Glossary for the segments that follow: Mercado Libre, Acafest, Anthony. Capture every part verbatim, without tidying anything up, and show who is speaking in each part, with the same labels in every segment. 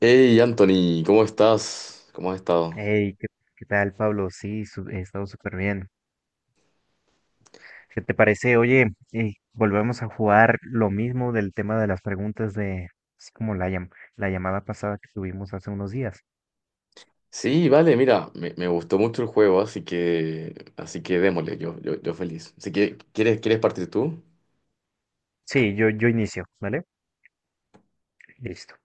Speaker 1: Hey Anthony, ¿cómo estás? ¿Cómo has estado?
Speaker 2: Hey, ¿qué, qué tal, Pablo? Sí, su- he estado súper bien. ¿Qué te parece? Oye, eh, volvemos a jugar lo mismo del tema de las preguntas de, así como la, llam- la llamada pasada que tuvimos hace unos días.
Speaker 1: Sí, vale, mira, me, me gustó mucho el juego, así que, así que démosle, yo, yo, yo feliz. Así que, ¿quieres, quieres partir tú?
Speaker 2: Sí, yo, yo inicio, ¿vale? Listo.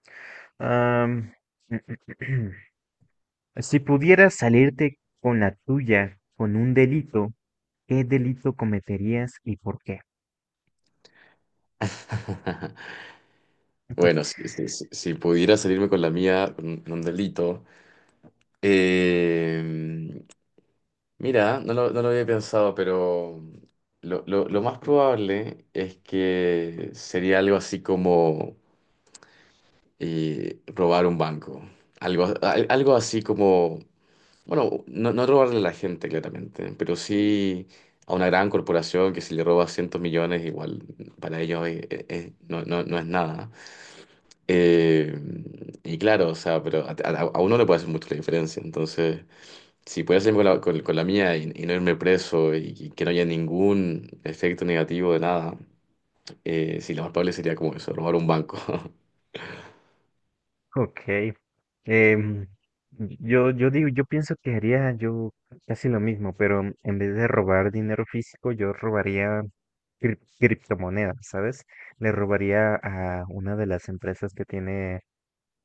Speaker 2: Am, si pudieras salirte con la tuya con un delito, ¿qué delito cometerías y por qué?
Speaker 1: Bueno, si, si- si- si pudiera salirme con la mía, con un con un delito. eh, mira, no lo, no lo había pensado, pero lo, lo- lo más probable es que sería algo así como eh, robar un banco. Algo, al- algo así como. Bueno, no, no robarle a la gente, claramente, pero sí a una gran corporación que si le roba cientos millones, igual para ellos es- es- es- no, no, no es nada. Eh, y claro, o sea, pero a, a- a uno le puede hacer mucho la diferencia. Entonces, si puedo hacerme con la, con, con la mía y, y no irme preso y, y que no haya ningún efecto negativo de nada, eh, sí, lo más probable sería como eso, robar un banco.
Speaker 2: Ok. Em, yo, yo digo, yo pienso que haría yo casi lo mismo, pero en vez de robar dinero físico, yo robaría crip- criptomonedas, ¿sabes? Le robaría a una de las empresas que tiene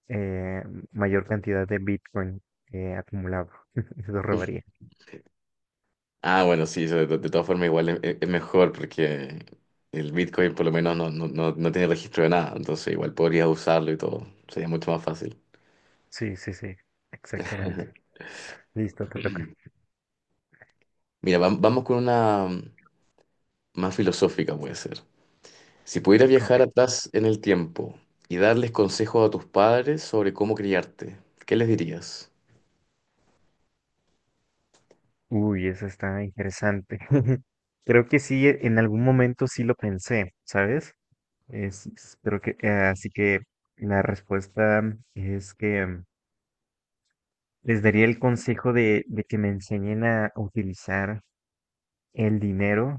Speaker 2: eh, mayor cantidad de Bitcoin eh, acumulado. Lo robaría.
Speaker 1: Ah, bueno, sí, eso de, de todas formas igual es, es mejor porque el Bitcoin por lo menos no, no, no, no tiene registro de nada, entonces igual podrías usarlo y todo, sería mucho más fácil.
Speaker 2: Sí, sí, sí, exactamente. Listo, te toca.
Speaker 1: Mira, vam- vamos con una mm, más filosófica puede ser. Si pudieras
Speaker 2: Ok.
Speaker 1: viajar atrás en el tiempo y darles consejos a tus padres sobre cómo criarte, ¿qué les dirías?
Speaker 2: Uy, eso está interesante. Creo que sí, en algún momento sí lo pensé, ¿sabes? Es, es- creo que, eh, así que la respuesta es que mm, les daría el consejo de, de que me enseñen a utilizar el dinero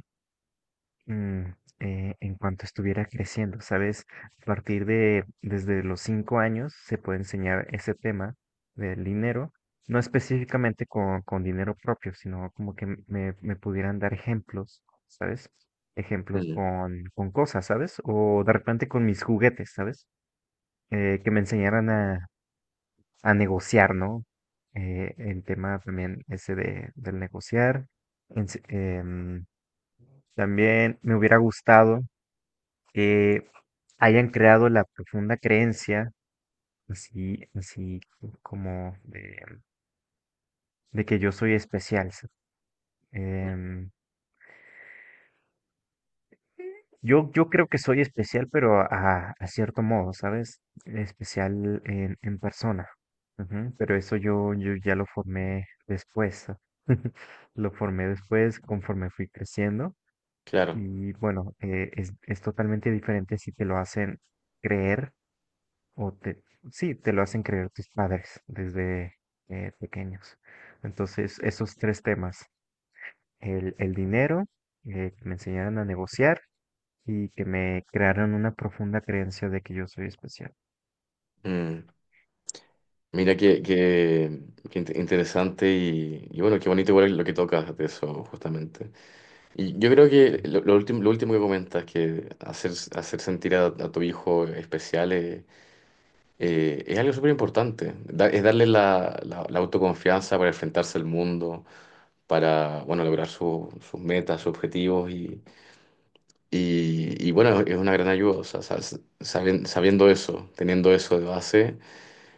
Speaker 2: mm, eh, en cuanto estuviera creciendo, ¿sabes? A partir de, desde los cinco años se puede enseñar ese tema del dinero, no específicamente con, con dinero propio, sino como que me, me pudieran dar ejemplos, ¿sabes? Ejemplos
Speaker 1: Mm,
Speaker 2: con, con cosas, ¿sabes? O de repente con mis juguetes, ¿sabes? Eh, que me enseñaran a, a negociar, ¿no? Eh, el tema también ese de, del negociar. Ens- em, también me hubiera gustado que hayan creado la profunda creencia, así, así como de, de que yo soy especial. ¿Sí? Em, Yo, yo creo que soy especial, pero a, a cierto modo, ¿sabes? Especial en, en persona. Ujú. Pero eso yo, yo ya lo formé después. Lo formé después conforme fui creciendo.
Speaker 1: claro.
Speaker 2: Y bueno, eh, es, es totalmente diferente si te lo hacen creer o te, sí, te lo hacen creer tus padres desde eh, pequeños. Entonces, esos tres temas, el, el dinero, eh, que me enseñaron a negociar y que me crearon una profunda creencia de que yo soy especial.
Speaker 1: Mm, Mira qué, qué, qué inte- interesante y, y bueno, qué bonito igual lo que tocas de eso justamente. Y yo creo que
Speaker 2: Mm.
Speaker 1: lo, lo último, lo último que comentas, que hacer, hacer sentir a, a tu hijo especial eh, eh, es algo súper importante. Da- es darle la, la- la autoconfianza para enfrentarse al mundo, para, bueno, lograr su- sus metas, sus objetivos y, y- y, bueno, es una gran ayuda. O sea, sabes- saben- sabiendo eso, teniendo eso de base,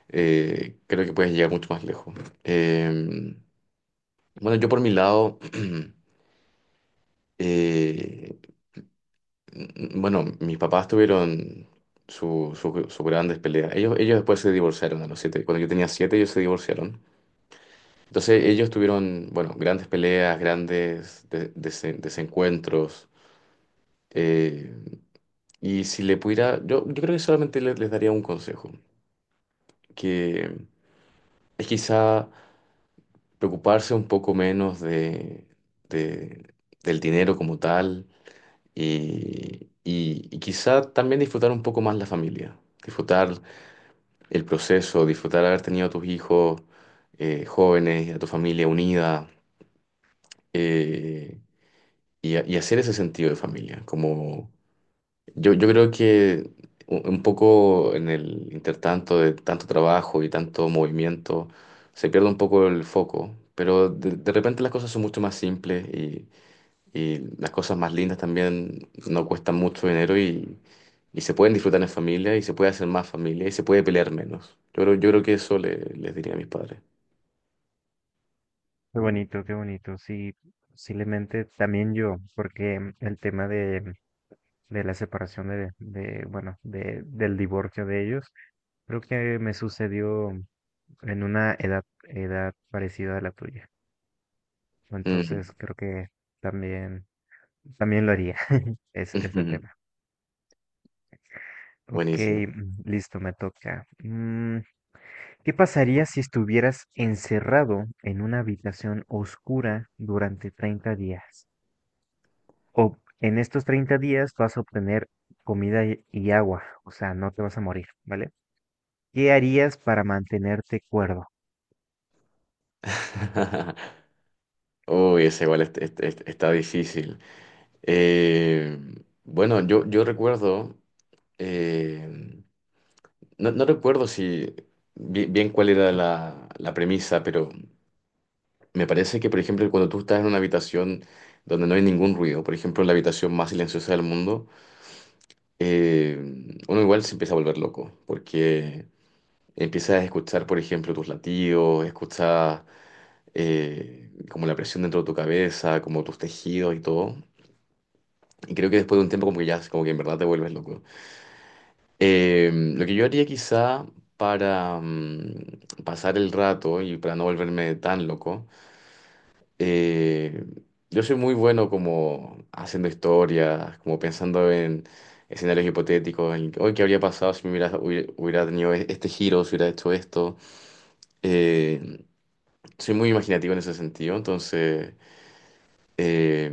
Speaker 1: eh, creo que puedes llegar mucho más lejos. Eh, bueno, yo por mi lado... eh, mm, Bueno, mis papás tuvieron su- su- sus grandes peleas. Ellos, ellos después se divorciaron a los siete. Cuando yo tenía siete, ellos se divorciaron. Entonces ellos tuvieron, bueno, grandes peleas, grandes de- dese- desencuentros. Eh, y si le pudiera, yo, yo creo que solamente le- les daría un consejo, que es quizá preocuparse un poco menos de, de- del dinero como tal y, y y quizá también disfrutar un poco más la familia. Disfrutar el proceso, disfrutar haber tenido a tus hijos eh, jóvenes, a tu familia unida eh, y, a- y hacer ese sentido de familia. Como yo, yo creo que u- un poco en el intertanto de tanto trabajo y tanto movimiento se pierde un poco el foco, pero de, de repente las cosas son mucho más simples y las cosas más lindas también no cuestan mucho dinero y, y se pueden disfrutar en familia y se puede hacer más familia y se puede pelear menos. Yo creo, yo creo que eso le- les diría a mis padres.
Speaker 2: Qué bonito, qué bonito. Sí, posiblemente también yo, porque mm, el tema de, de la separación de, de, bueno, de, del divorcio de ellos, creo que me sucedió en una edad, edad parecida a la tuya.
Speaker 1: Mm.
Speaker 2: Entonces creo que también, también lo haría. es, ese tema. Ok,
Speaker 1: Buenísimo.
Speaker 2: mm, listo, me toca. Mm, ¿Qué pasaría si estuvieras encerrado en una habitación oscura durante treinta días? O en estos treinta días vas a obtener comida y y agua, o sea, no te vas a morir, ¿vale? ¿Qué harías para mantenerte cuerdo?
Speaker 1: Uy, ese igual est- est- est- está difícil. Eh, bueno, yo, yo recuerdo, eh, no, no recuerdo si bi- bien, cuál era la, la premisa, pero Me parece que, por ejemplo, cuando tú estás en una habitación donde no hay ningún ruido, por ejemplo, en la habitación más silenciosa del mundo, eh, uno igual se empieza a volver loco, porque empiezas a escuchar, por ejemplo, tus latidos, escuchas eh, como la presión dentro de tu cabeza, como tus tejidos y todo. Y creo que después de un tiempo como que ya, como que en verdad te vuelves loco. Eh, lo que yo haría quizá para mm, pasar el rato y para no volverme tan loco Eh, yo soy muy bueno como haciendo historias, como pensando en escenarios hipotéticos, en hoy qué habría pasado si me hubiera, hubiera hubiera tenido e- este giro, si hubiera hecho esto. Eh, Soy muy imaginativo en ese sentido, entonces eh,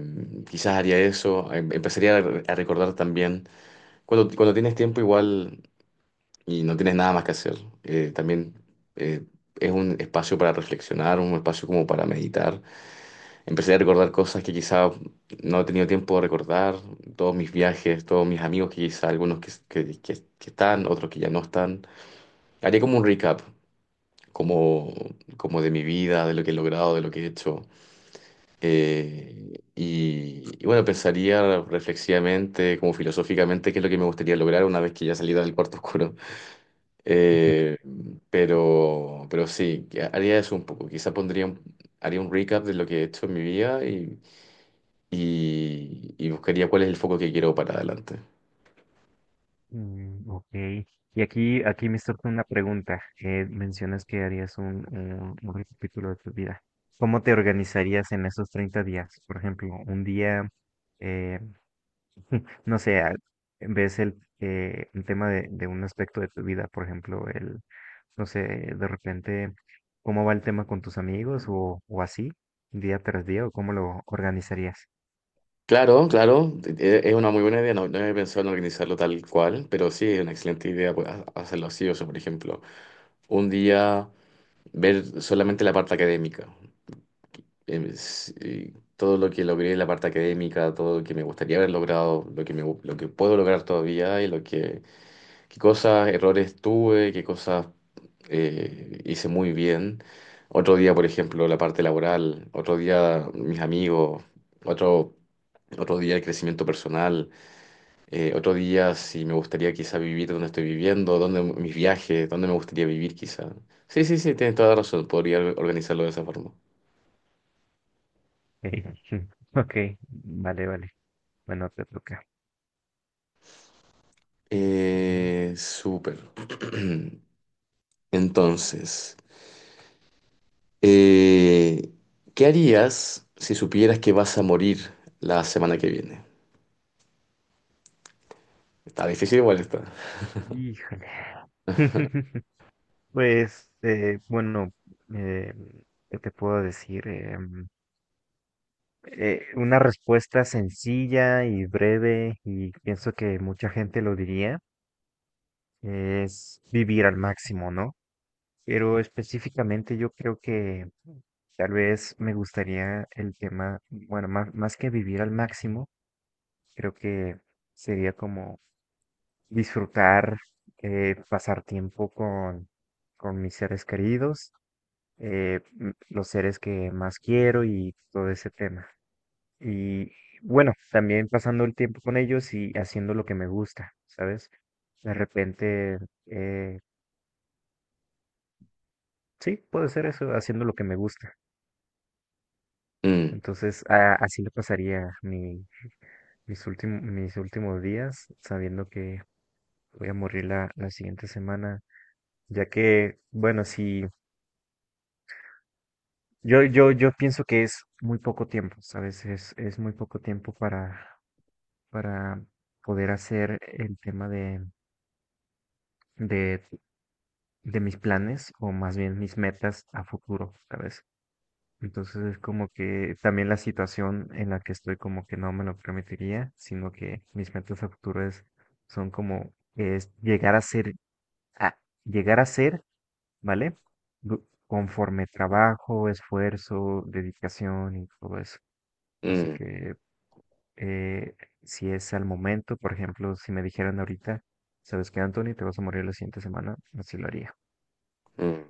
Speaker 1: quizás haría eso. Em- Empezaría a, re- a recordar también, cuando, cuando tienes tiempo igual y no tienes nada más que hacer, eh, también eh, es un espacio para reflexionar, un espacio como para meditar. Empecé a recordar cosas que quizá no he tenido tiempo de recordar, todos mis viajes, todos mis amigos que quizá, algunos que, que, que- que están, otros que ya no están. Haré como un recap, como, como de mi vida, de lo que he logrado, de lo que he hecho. Eh, y, y bueno, pensaría reflexivamente, como filosóficamente, qué es lo que me gustaría lograr una vez que ya salida del cuarto oscuro.
Speaker 2: Ujú.
Speaker 1: Eh, pero, pero sí, que haría eso un poco. Quizá pondría un- haría un recap de lo que he hecho en mi vida y y, y buscaría cuál es el foco que quiero para adelante.
Speaker 2: Mm, ok. Y aquí, aquí me surge una pregunta. Eh, mencionas que harías un, un, un recapítulo de tu vida. ¿Cómo te organizarías en esos treinta días? Por ejemplo, un día, eh, no sé, a- ves el, eh, un tema de, de un aspecto de tu vida, por ejemplo, el, no sé, de repente, ¿cómo va el tema con tus amigos o, o así, día tras día, o cómo lo organizarías?
Speaker 1: Claro, claro, e- e, es una muy buena idea, no, no he pensado en organizarlo tal cual, pero sí, es una excelente idea pues, ha- hacerlo así, o sea, por ejemplo, un día ver solamente la parte académica, em, s- y todo lo que logré en la parte académica, todo lo que me gustaría haber logrado, lo que me, gu- lo que puedo lograr todavía y lo que qué cosas, errores tuve, qué cosas eh, hice muy bien. Otro día, por ejemplo, la parte laboral, otro día mis amigos, otro, otro día el crecimiento personal, eh, otro día si me gustaría quizá vivir donde estoy viviendo, dónde mis viajes, dónde me gustaría vivir quizá. Sí, sí, sí, tienes toda la razón, podría organizarlo de esa forma.
Speaker 2: Ey, ok, vale, vale. Bueno, te toca.
Speaker 1: Eh, súper. Entonces... Eh, ¿qué harías si supieras que vas a morir la semana que viene? Está difícil igual está.
Speaker 2: Híjole. Pues, eh, bueno, eh, ¿qué te puedo decir? Em, eh, una respuesta sencilla y breve, y pienso que mucha gente lo diría, es vivir al máximo, ¿no? Pero específicamente yo creo que tal vez me gustaría el tema, bueno, más, más que vivir al máximo, creo que sería como disfrutar, eh, pasar tiempo con, con mis seres queridos eh, m- los seres que más quiero y todo ese tema. Y bueno, también pasando el tiempo con ellos y haciendo lo que me gusta, ¿sabes? De repente, eh, sí, puede ser eso, haciendo lo que me gusta.
Speaker 1: Mm,
Speaker 2: Entonces, a- así le pasaría mi, mis últimos, mis últimos días, sabiendo que voy a morir la, la siguiente semana, ya que, bueno, si yo, yo, yo pienso que es muy poco tiempo, ¿sabes? Es, es muy poco tiempo para, para poder hacer el tema de, de, de mis planes o más bien mis metas a futuro, ¿sabes? Entonces es como que también la situación en la que estoy como que no me lo permitiría, sino que mis metas a futuro es, son como es llegar a ser, a, llegar a ser, ¿vale? Du- Conforme trabajo, esfuerzo, dedicación y todo eso. Así
Speaker 1: mm,
Speaker 2: que eh, si es al momento, por ejemplo, si me dijeran ahorita, ¿sabes qué, Anthony? Te vas a morir la siguiente semana, así lo haría.
Speaker 1: mm.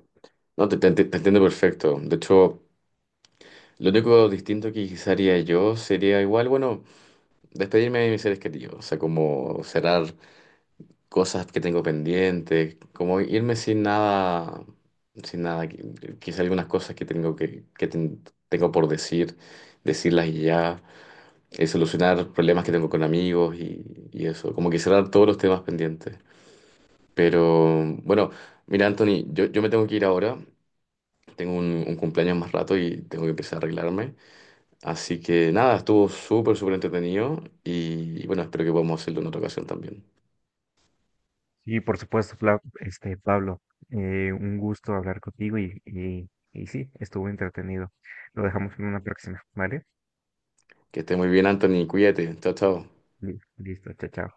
Speaker 1: No, te, te- te- te entiendo perfecto. De hecho, lo único distinto que quizá haría yo sería igual, bueno, despedirme de mis seres queridos. O sea, como cerrar cosas que tengo pendientes, como irme sin nada, sin nada. qui- Quizá algunas cosas que tengo que, que ten- tengo por decir, decirlas y ya. Eh, solucionar problemas que tengo con amigos y, y eso, como que cerrar todos los temas pendientes. Pero bueno, mira, Anthony, yo, yo me tengo que ir ahora, tengo un, un cumpleaños más rato y tengo que empezar a arreglarme. Así que nada, estuvo súper, súper entretenido y, y bueno, espero que podamos hacerlo en otra ocasión también.
Speaker 2: Y por supuesto, Fla- este, Pablo, eh, un gusto hablar contigo y, y, y sí, estuvo entretenido. Lo dejamos en una próxima, ¿vale?
Speaker 1: Que esté muy bien, Anthony, cuídate, chao, chao.
Speaker 2: Li- Listo, chao, chao.